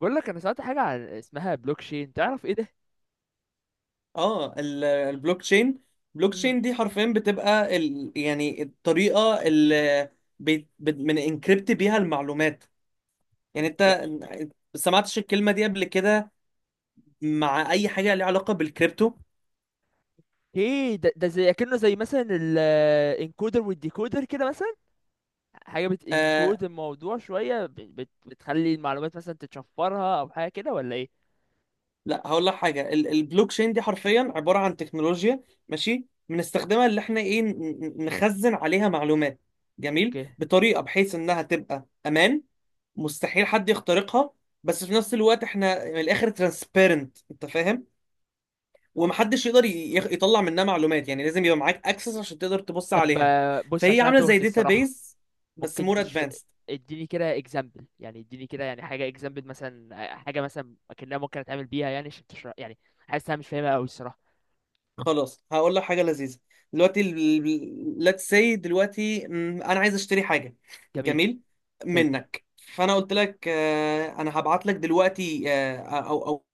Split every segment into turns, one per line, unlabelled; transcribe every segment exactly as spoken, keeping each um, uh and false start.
بقول لك انا سمعت حاجه عن اسمها بلوك تشين، تعرف ايه ده؟
اه ال- البلوك تشين البلوك
مم.
تشين دي حرفيا بتبقى ال... يعني الطريقه اللي بي... بت... من انكريبت بيها المعلومات. يعني
يا،
انت سمعتش الكلمه دي قبل كده مع اي حاجه ليها علاقه بالكريبتو؟
ايه ده ده زي كأنه زي مثلا الانكودر والديكودر كده، مثلا حاجه
آه
بتنكود الموضوع شويه، بت بت- بتخلي المعلومات مثلا تتشفرها او حاجه كده، ولا ايه؟
لا، هقول لك حاجه. ال... البلوك تشين دي حرفيا عباره عن تكنولوجيا، ماشي، بنستخدمها اللي احنا ايه، ن- ن- نخزن عليها معلومات. جميل،
اوكي.
بطريقه بحيث انها تبقى امان، مستحيل حد يخترقها. بس في نفس الوقت احنا من الاخر ترانسبيرنت، انت فاهم، ومحدش يقدر ي- يخ- يطلع منها معلومات، يعني لازم يبقى معاك اكسس عشان تقدر تبص
طب
عليها.
آه، بص،
فهي
عشان أنا
عامله زي
تهت الصراحه.
داتابيز بس
ممكن
مور
تش...
ادفانسد.
اديني كده اكزامبل، يعني اديني كده يعني حاجه اكزامبل مثلا، آه، حاجه مثلا اكنها ممكن اتعامل بيها، يعني عشان تشرح يعني. حاسس انا مش فاهمها قوي الصراحه.
خلاص، هقول لك حاجه لذيذه. دلوقتي، ليتس سي، دلوقتي مم، انا عايز اشتري حاجه
جميل.
جميل
حلو.
منك. فانا قلت لك، آه، انا هبعت لك دلوقتي، آه، او او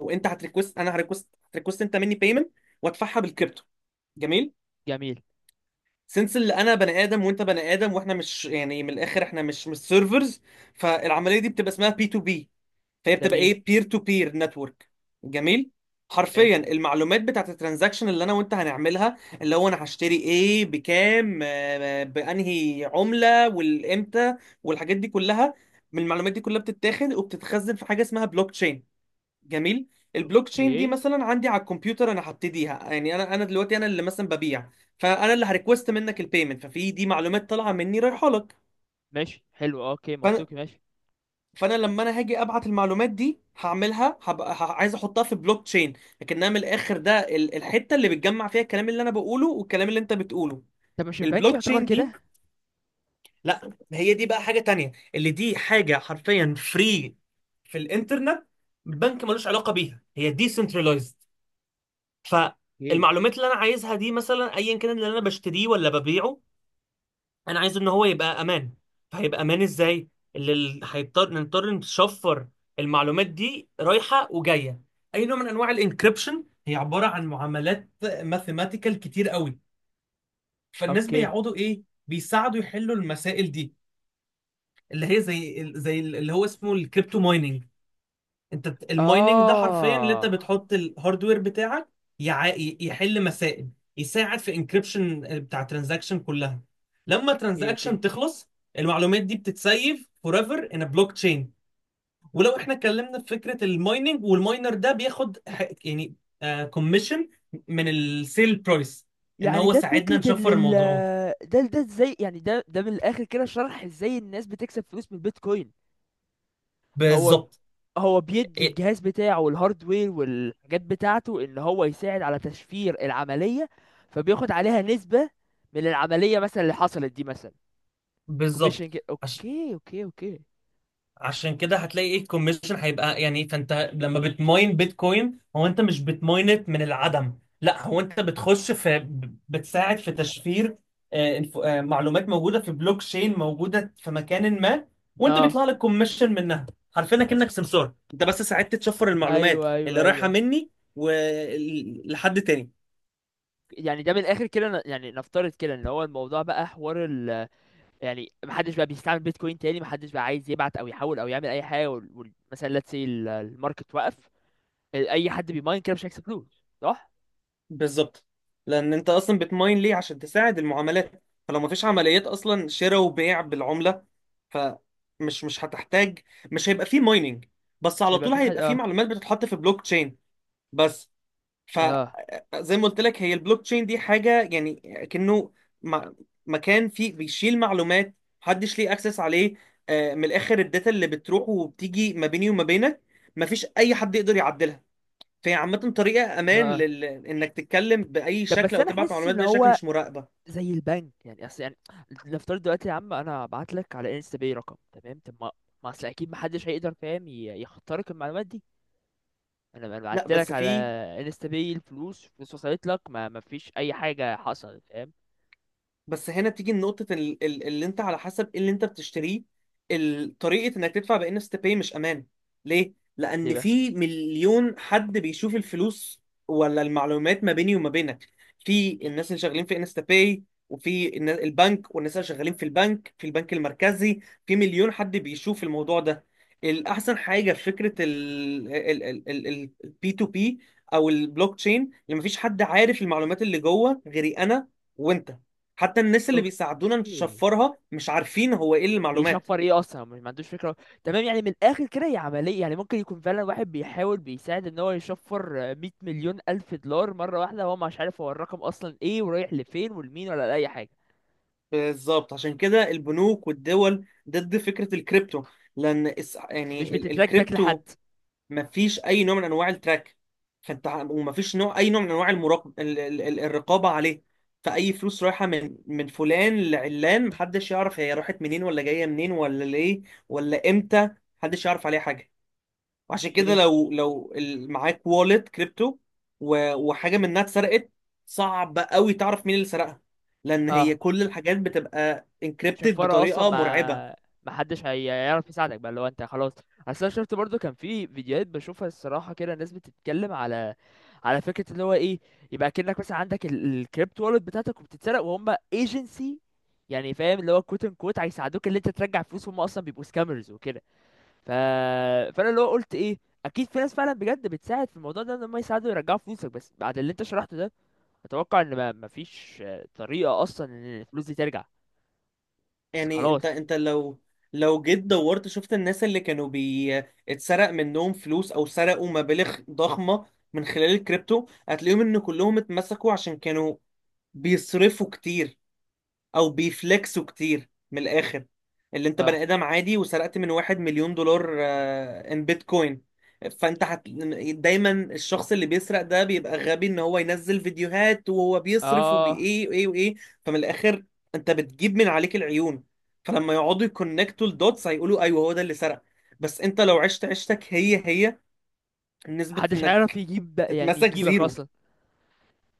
او انت هتريكوست، انا هريكوست هتريكوست انت مني بيمنت وادفعها بالكريبتو. جميل،
جميل.
سنس اللي انا بني ادم وانت بني ادم واحنا مش، يعني، من الاخر احنا مش مش سيرفرز. فالعمليه دي بتبقى اسمها بي تو بي، فهي بتبقى
جميل.
ايه، بير تو بير نتورك. جميل. حرفيا
ماشي.
المعلومات بتاعت الترانزاكشن اللي انا وانت هنعملها، اللي هو انا هشتري ايه بكام، آه، بانهي عمله، والامتى، والحاجات دي كلها. من المعلومات دي كلها بتتاخد وبتتخزن في حاجه اسمها بلوك تشين. جميل. البلوك تشين دي
اوكي.
مثلا عندي على الكمبيوتر، انا هبتديها يعني، انا انا دلوقتي انا اللي مثلا ببيع. فانا اللي هريكوست منك البيمنت، ففي دي معلومات طالعه مني رايحه لك.
ماشي، حلو، اه، اوكي،
فانا
منطقي، ماشي.
فانا لما انا هاجي ابعت المعلومات دي، هعملها هبقى ه- عايز احطها في بلوك تشين. لكنها من الاخر ده ال- الحته اللي بتجمع فيها الكلام اللي انا بقوله والكلام اللي انت بتقوله،
طب، مش البنك
البلوك
يعتبر
تشين دي.
كده؟
لا، هي دي بقى حاجه تانية، اللي دي حاجه حرفيا فري في الانترنت، بنك ملوش علاقه بيها، هي ديسنترلايزد.
اوكي،
فالمعلومات اللي انا عايزها دي، مثلا ايا كان اللي انا بشتريه ولا ببيعه، انا عايز ان هو يبقى امان. فهيبقى امان ازاي؟ اللي ال- هيضطر نضطر نشفر المعلومات دي رايحه وجايه، اي نوع من انواع الانكريبشن. هي عباره عن معاملات ماثيماتيكال كتير قوي، فالناس
اوكي.
بيقعدوا ايه، بيساعدوا يحلوا المسائل دي، اللي هي زي زي اللي هو اسمه الكريبتو مايننج. انت بت- المايننج ده حرفيا اللي انت
اه،
بتحط الهاردوير بتاعك يع... ي- يحل مسائل، يساعد في انكريبشن بتاع ترانزاكشن كلها. لما
اوكي،
ترانزاكشن
اوكي.
تخلص، المعلومات دي بتتسيف forever in a blockchain. ولو احنا اتكلمنا في فكرة المايننج، والماينر ده بياخد ح- يعني كوميشن من السيل برايس، ان
يعني
هو
ده
ساعدنا
فكرة ال
نشفر الموضوع ده.
ال- ده ده ازاي؟ يعني ده ده من الآخر كده شرح ازاي الناس بتكسب فلوس من البيتكوين. هو،
بالظبط.
هو بيدي
إيه،
الجهاز بتاعه والهاردوير والحاجات بتاعته ان هو يساعد على تشفير العملية. فبياخد عليها نسبة من العملية مثلا اللي حصلت دي مثلا. كوميشن
بالظبط.
كده. اوكي، اوكي، اوكي.
عشان كده هتلاقي ايه الكوميشن هيبقى، يعني فانت لما بتماين بيتكوين، هو انت مش بتماينت من العدم، لا، هو انت بتخش في ب- بتساعد في تشفير، آه، الف- آه، معلومات موجوده في بلوك تشين، موجوده في مكان ما، وانت
اه،
بيطلع لك كوميشن منها. عارفين، كأنك سمسار انت، بس ساعدت تشفر المعلومات
ايوه، ايوه،
اللي رايحه
ايوه.
مني ولحد تاني.
يعني ده من الاخر كده ن- يعني نفترض كده ان هو الموضوع بقى حوار ال، يعني محدش بقى بيستعمل بيتكوين تاني، محدش بقى عايز يبعت او يحول او يعمل اي حاجه، وال... وال... مثلا ليتس سي الماركت وقف. اي حد بيماين كده مش هيكسب فلوس، صح؟
بالظبط، لان انت اصلا بتماين ليه؟ عشان تساعد المعاملات، فلو ما فيش عمليات اصلا شراء وبيع بالعمله، فمش، مش هتحتاج، مش هيبقى فيه مايننج. بس
مش
على
هيبقى
طول
في حد،
هيبقى فيه
اه.
معلومات بتتحط في بلوك تشين، بس.
اه.
فزي ما قلت لك، هي البلوك تشين دي حاجه يعني، كأنه، م- مكان فيه بيشيل معلومات، محدش ليه اكسس عليه. آه، من الاخر الداتا اللي بتروح وبتيجي ما بيني وما بينك، مفيش اي حد يقدر يعدلها. فهي عامة طريقة
اه.
أمان
آه.
لل... إنك تتكلم بأي
طب
شكل
بس
أو
انا
تبعت
حاسس
معلومات
ان
بأي شكل
هو
مش مراقبة.
زي البنك، يعني اصل يعني نفترض دلوقتي يا عم انا هبعت لك على انستا باي رقم تمام، طب ما، ما اصل اكيد محدش هيقدر، فاهم؟ ي- يخترق المعلومات دي. انا انا بعت
لا
لك
بس
على
في،
انستا باي الفلوس، فلوس وصلت لك، ما ما فيش اي حاجه حصلت، فاهم؟
بس هنا بتيجي نقطة ال- ال- اللي انت على حسب ايه اللي انت بتشتريه. ال- طريقة انك تدفع بان اس باي مش امان. ليه؟
ليه
لان
بقى؟
في مليون حد بيشوف الفلوس ولا المعلومات ما بيني وما بينك. في الناس اللي شغالين في انستا باي، وفي النا- البنك، والناس اللي شغالين في البنك، في البنك المركزي، في مليون حد بيشوف الموضوع ده. الاحسن حاجة في فكرة البي تو بي او البلوك تشين، لما فيش حد عارف المعلومات اللي جوه غيري انا وانت. حتى الناس اللي بيساعدونا
اوكي.
نشفرها مش عارفين هو ايه المعلومات.
بيشفر ايه اصلا، مش ما عندوش فكره. تمام، يعني من الاخر كده هي عمليه، يعني ممكن يكون فعلا واحد بيحاول بيساعد ان هو يشفر، آه، مية مليون الف دولار مره واحده، هو مش عارف هو الرقم اصلا ايه ورايح لفين ولمين ولا لاي حاجه.
بالظبط، عشان كده البنوك والدول ضد فكرة الكريبتو، لان اس-
مش
يعني ال-
بتتراك باك لحد.
الكريبتو مفيش اي نوع من انواع التراك. فانت ع- ومفيش نوع، اي نوع من انواع المراقب، ال- ال- ال- الرقابة عليه. فاي فلوس رايحة من من فلان لعلان، محدش يعرف هي راحت منين ولا جاية منين ولا ليه ولا امتى، محدش يعرف عليها حاجة. وعشان كده
ايه؟
لو لو ال- معاك والت كريبتو و- وحاجه منها اتسرقت، صعب قوي تعرف مين اللي سرقها، لان هي
اه.
كل الحاجات بتبقى انكريبتد
شفارة اصلا،
بطريقه مرعبه.
ما ما حدش هي- هيعرف يساعدك بقى لو انت خلاص. اصل انا شفت برضو كان في فيديوهات بشوفها الصراحه كده، الناس بتتكلم على على فكره اللي هو ايه، يبقى كأنك مثلا عندك الكريبت والت بتاعتك وبتتسرق، وهم ايجنسي يعني، فاهم؟ اللي هو كوت ان كوت هيساعدوك اللي انت ترجع فلوس، هم اصلا بيبقوا سكامرز وكده. ف... فانا اللي هو قلت ايه، اكيد في ناس فعلا بجد بتساعد في الموضوع ده ان هم يساعدوا يرجعوا فلوسك، بس بعد اللي انت شرحته ده اتوقع ان ما مفيش، آه، طريقه اصلا ان الفلوس دي ترجع. بس
يعني انت
خلاص.
انت لو، لو جيت دورت شفت الناس اللي كانوا بي اتسرق منهم فلوس او سرقوا مبالغ ضخمه من خلال الكريبتو، هتلاقيهم ان كلهم اتمسكوا عشان كانوا بيصرفوا كتير او بيفلكسوا كتير. من الاخر، اللي انت بني
اه.
ادم عادي وسرقت من واحد مليون دولار ان بيتكوين، فانت هت... دايما الشخص اللي بيسرق ده بيبقى غبي، ان هو ينزل فيديوهات وهو بيصرف
اه.
وبايه وايه وايه. فمن الاخر انت بتجيب من عليك العيون، فلما يقعدوا يكونكتوا الدوتس، هيقولوا ايوه هو ده اللي سرق. بس انت لو عشت عشتك، هي هي نسبة
محدش عارف
انك
يجيب بق- يعني
تتمسك
يجيبك
زيرو.
اصلا.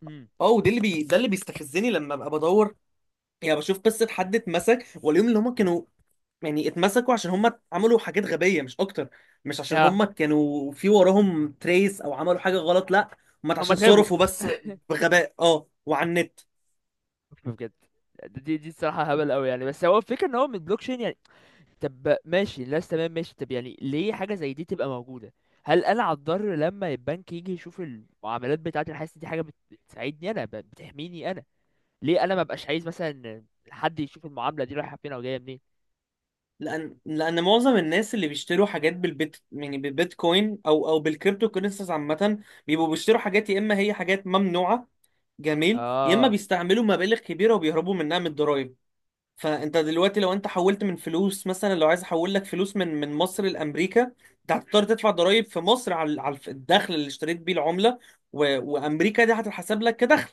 امم.
اه، ودي اللي بي... ده اللي بيستفزني لما ببقى بدور، يعني بشوف قصة حد اتمسك واليوم اللي هما كانوا، يعني اتمسكوا عشان هم عملوا حاجات غبية مش أكتر، مش عشان
ها.
هم كانوا في وراهم تريس أو عملوا حاجة غلط. لا، هم
هم
عشان
اتغابوا.
صرفوا بس بغباء، اه، وعلى النت.
بجد. دي دي الصراحه هبل قوي يعني، بس هو الفكره ان هو من بلوك تشين يعني. طب ماشي، الناس تمام ماشي، طب يعني ليه حاجه زي دي تبقى موجوده؟ هل انا هتضر لما البنك يجي يشوف المعاملات بتاعتي؟ انا حاسس دي حاجه بت- بتساعدني انا، ب- بتحميني انا. ليه انا ما بقاش عايز مثلا حد يشوف المعامله دي رايحه فين او جايه منين؟
لأن لأن معظم الناس اللي بيشتروا حاجات بالبيت، يعني بالبيتكوين أو أو بالكريبتو كورنسيز عامة، بيبقوا بيشتروا حاجات يا إما هي حاجات ممنوعة، جميل، يا إما
اه.
بيستعملوا مبالغ كبيرة وبيهربوا منها من الضرايب. فانت دلوقتي لو انت حولت من فلوس، مثلا لو عايز احول لك فلوس من من مصر لامريكا، انت هتضطر تدفع ضرائب في مصر على على الدخل اللي اشتريت بيه العمله، و... وامريكا دي هتتحسب لك كدخل.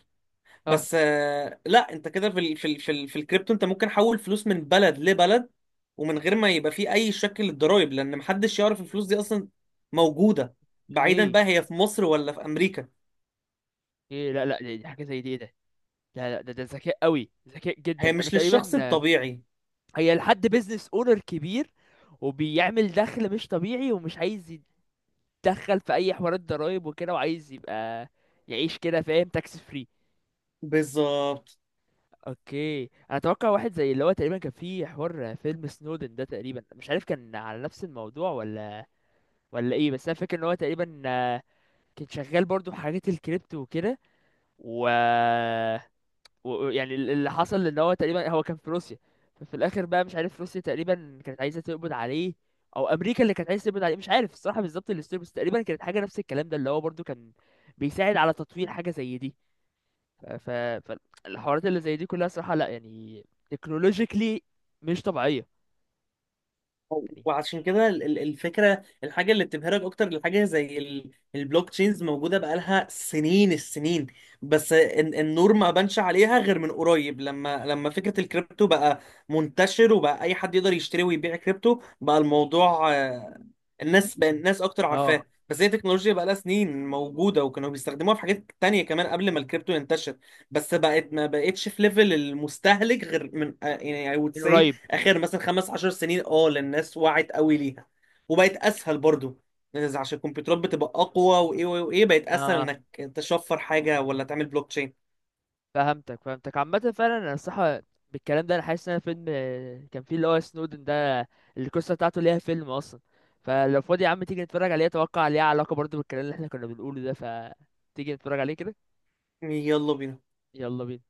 اه.
بس آه، لا، انت كده في ال... في ال... في, ال... في الكريبتو، انت ممكن حول فلوس من بلد لبلد، ومن غير ما يبقى فيه اي شكل للضرائب، لان محدش يعرف الفلوس دي اصلا موجوده، بعيدا
هي،
بقى هي في مصر ولا في امريكا.
ايه، لا، لا، دي دي حاجه زي دي، ايه ده؟ لا، لا، ده ده ذكاء قوي، ذكاء
هي
جدا. انا
مش
تقريبا
للشخص الطبيعي.
هي لحد بيزنس اونر كبير وبيعمل دخل مش طبيعي، ومش عايز يتدخل في اي حوارات ضرايب وكده، وعايز يبقى يعيش كده، فاهم؟ تاكس فري.
بالظبط.
اوكي. انا اتوقع واحد زي اللي هو تقريبا كان في حوار فيلم سنودن ده، تقريبا مش عارف كان على نفس الموضوع ولا ولا ايه، بس انا فاكر ان هو تقريبا، آه، كان شغال برضو في حاجات الكريبتو وكده. و و- يعني ال- اللي حصل ان هو تقريبا هو كان في روسيا. ففي الاخر بقى مش عارف روسيا تقريبا كانت عايزه تقبض عليه او امريكا اللي كانت عايزه تقبض عليه. مش عارف الصراحه بالظبط الستوري، بس تقريبا كانت حاجه نفس الكلام ده اللي هو برضو كان بيساعد على تطوير حاجه زي دي. ف... ف... فالحوارات اللي زي دي كلها صراحه لا يعني، تكنولوجيكلي مش طبيعيه يعني.
وعشان كده ال- ال- الفكره الحاجه اللي بتبهرك اكتر، الحاجه زي ال- البلوك تشينز موجوده بقالها سنين السنين، بس ال- النور ما بانش عليها غير من قريب، لما لما فكره الكريبتو بقى منتشر، وبقى اي حد يقدر يشتري ويبيع كريبتو، بقى الموضوع، آه، الناس بقى، الناس اكتر
اه.
عارفاه، بس هي تكنولوجيا بقى لها سنين موجوده، وكانوا بيستخدموها في حاجات تانية كمان قبل ما الكريبتو ينتشر. بس بقت، ما بقتش في ليفل المستهلك غير من، آه، يعني I would
من
say
قريب.
اخر مثلا خمس عشر سنين، اه، للناس وعت قوي ليها وبقت اسهل برضو. إذا عشان الكمبيوترات بتبقى اقوى، وايه وايه وإيه، بقت
اه.
اسهل
آه.
انك تشفر حاجه ولا تعمل بلوك تشين.
فهمتك، فهمتك، عامة فعلا انا الصراحة بالكلام ده انا حاسس ان انا فيلم، آه، كان فيه اللي هو سنودن ده، القصة بتاعته ليها فيلم اصلا. فلو فاضي يا عم تيجي نتفرج عليه، اتوقع ليها علاقة برضه بالكلام اللي احنا كنا بنقوله ده، فتيجي نتفرج عليه كده.
يلا بينا.
يلا بينا.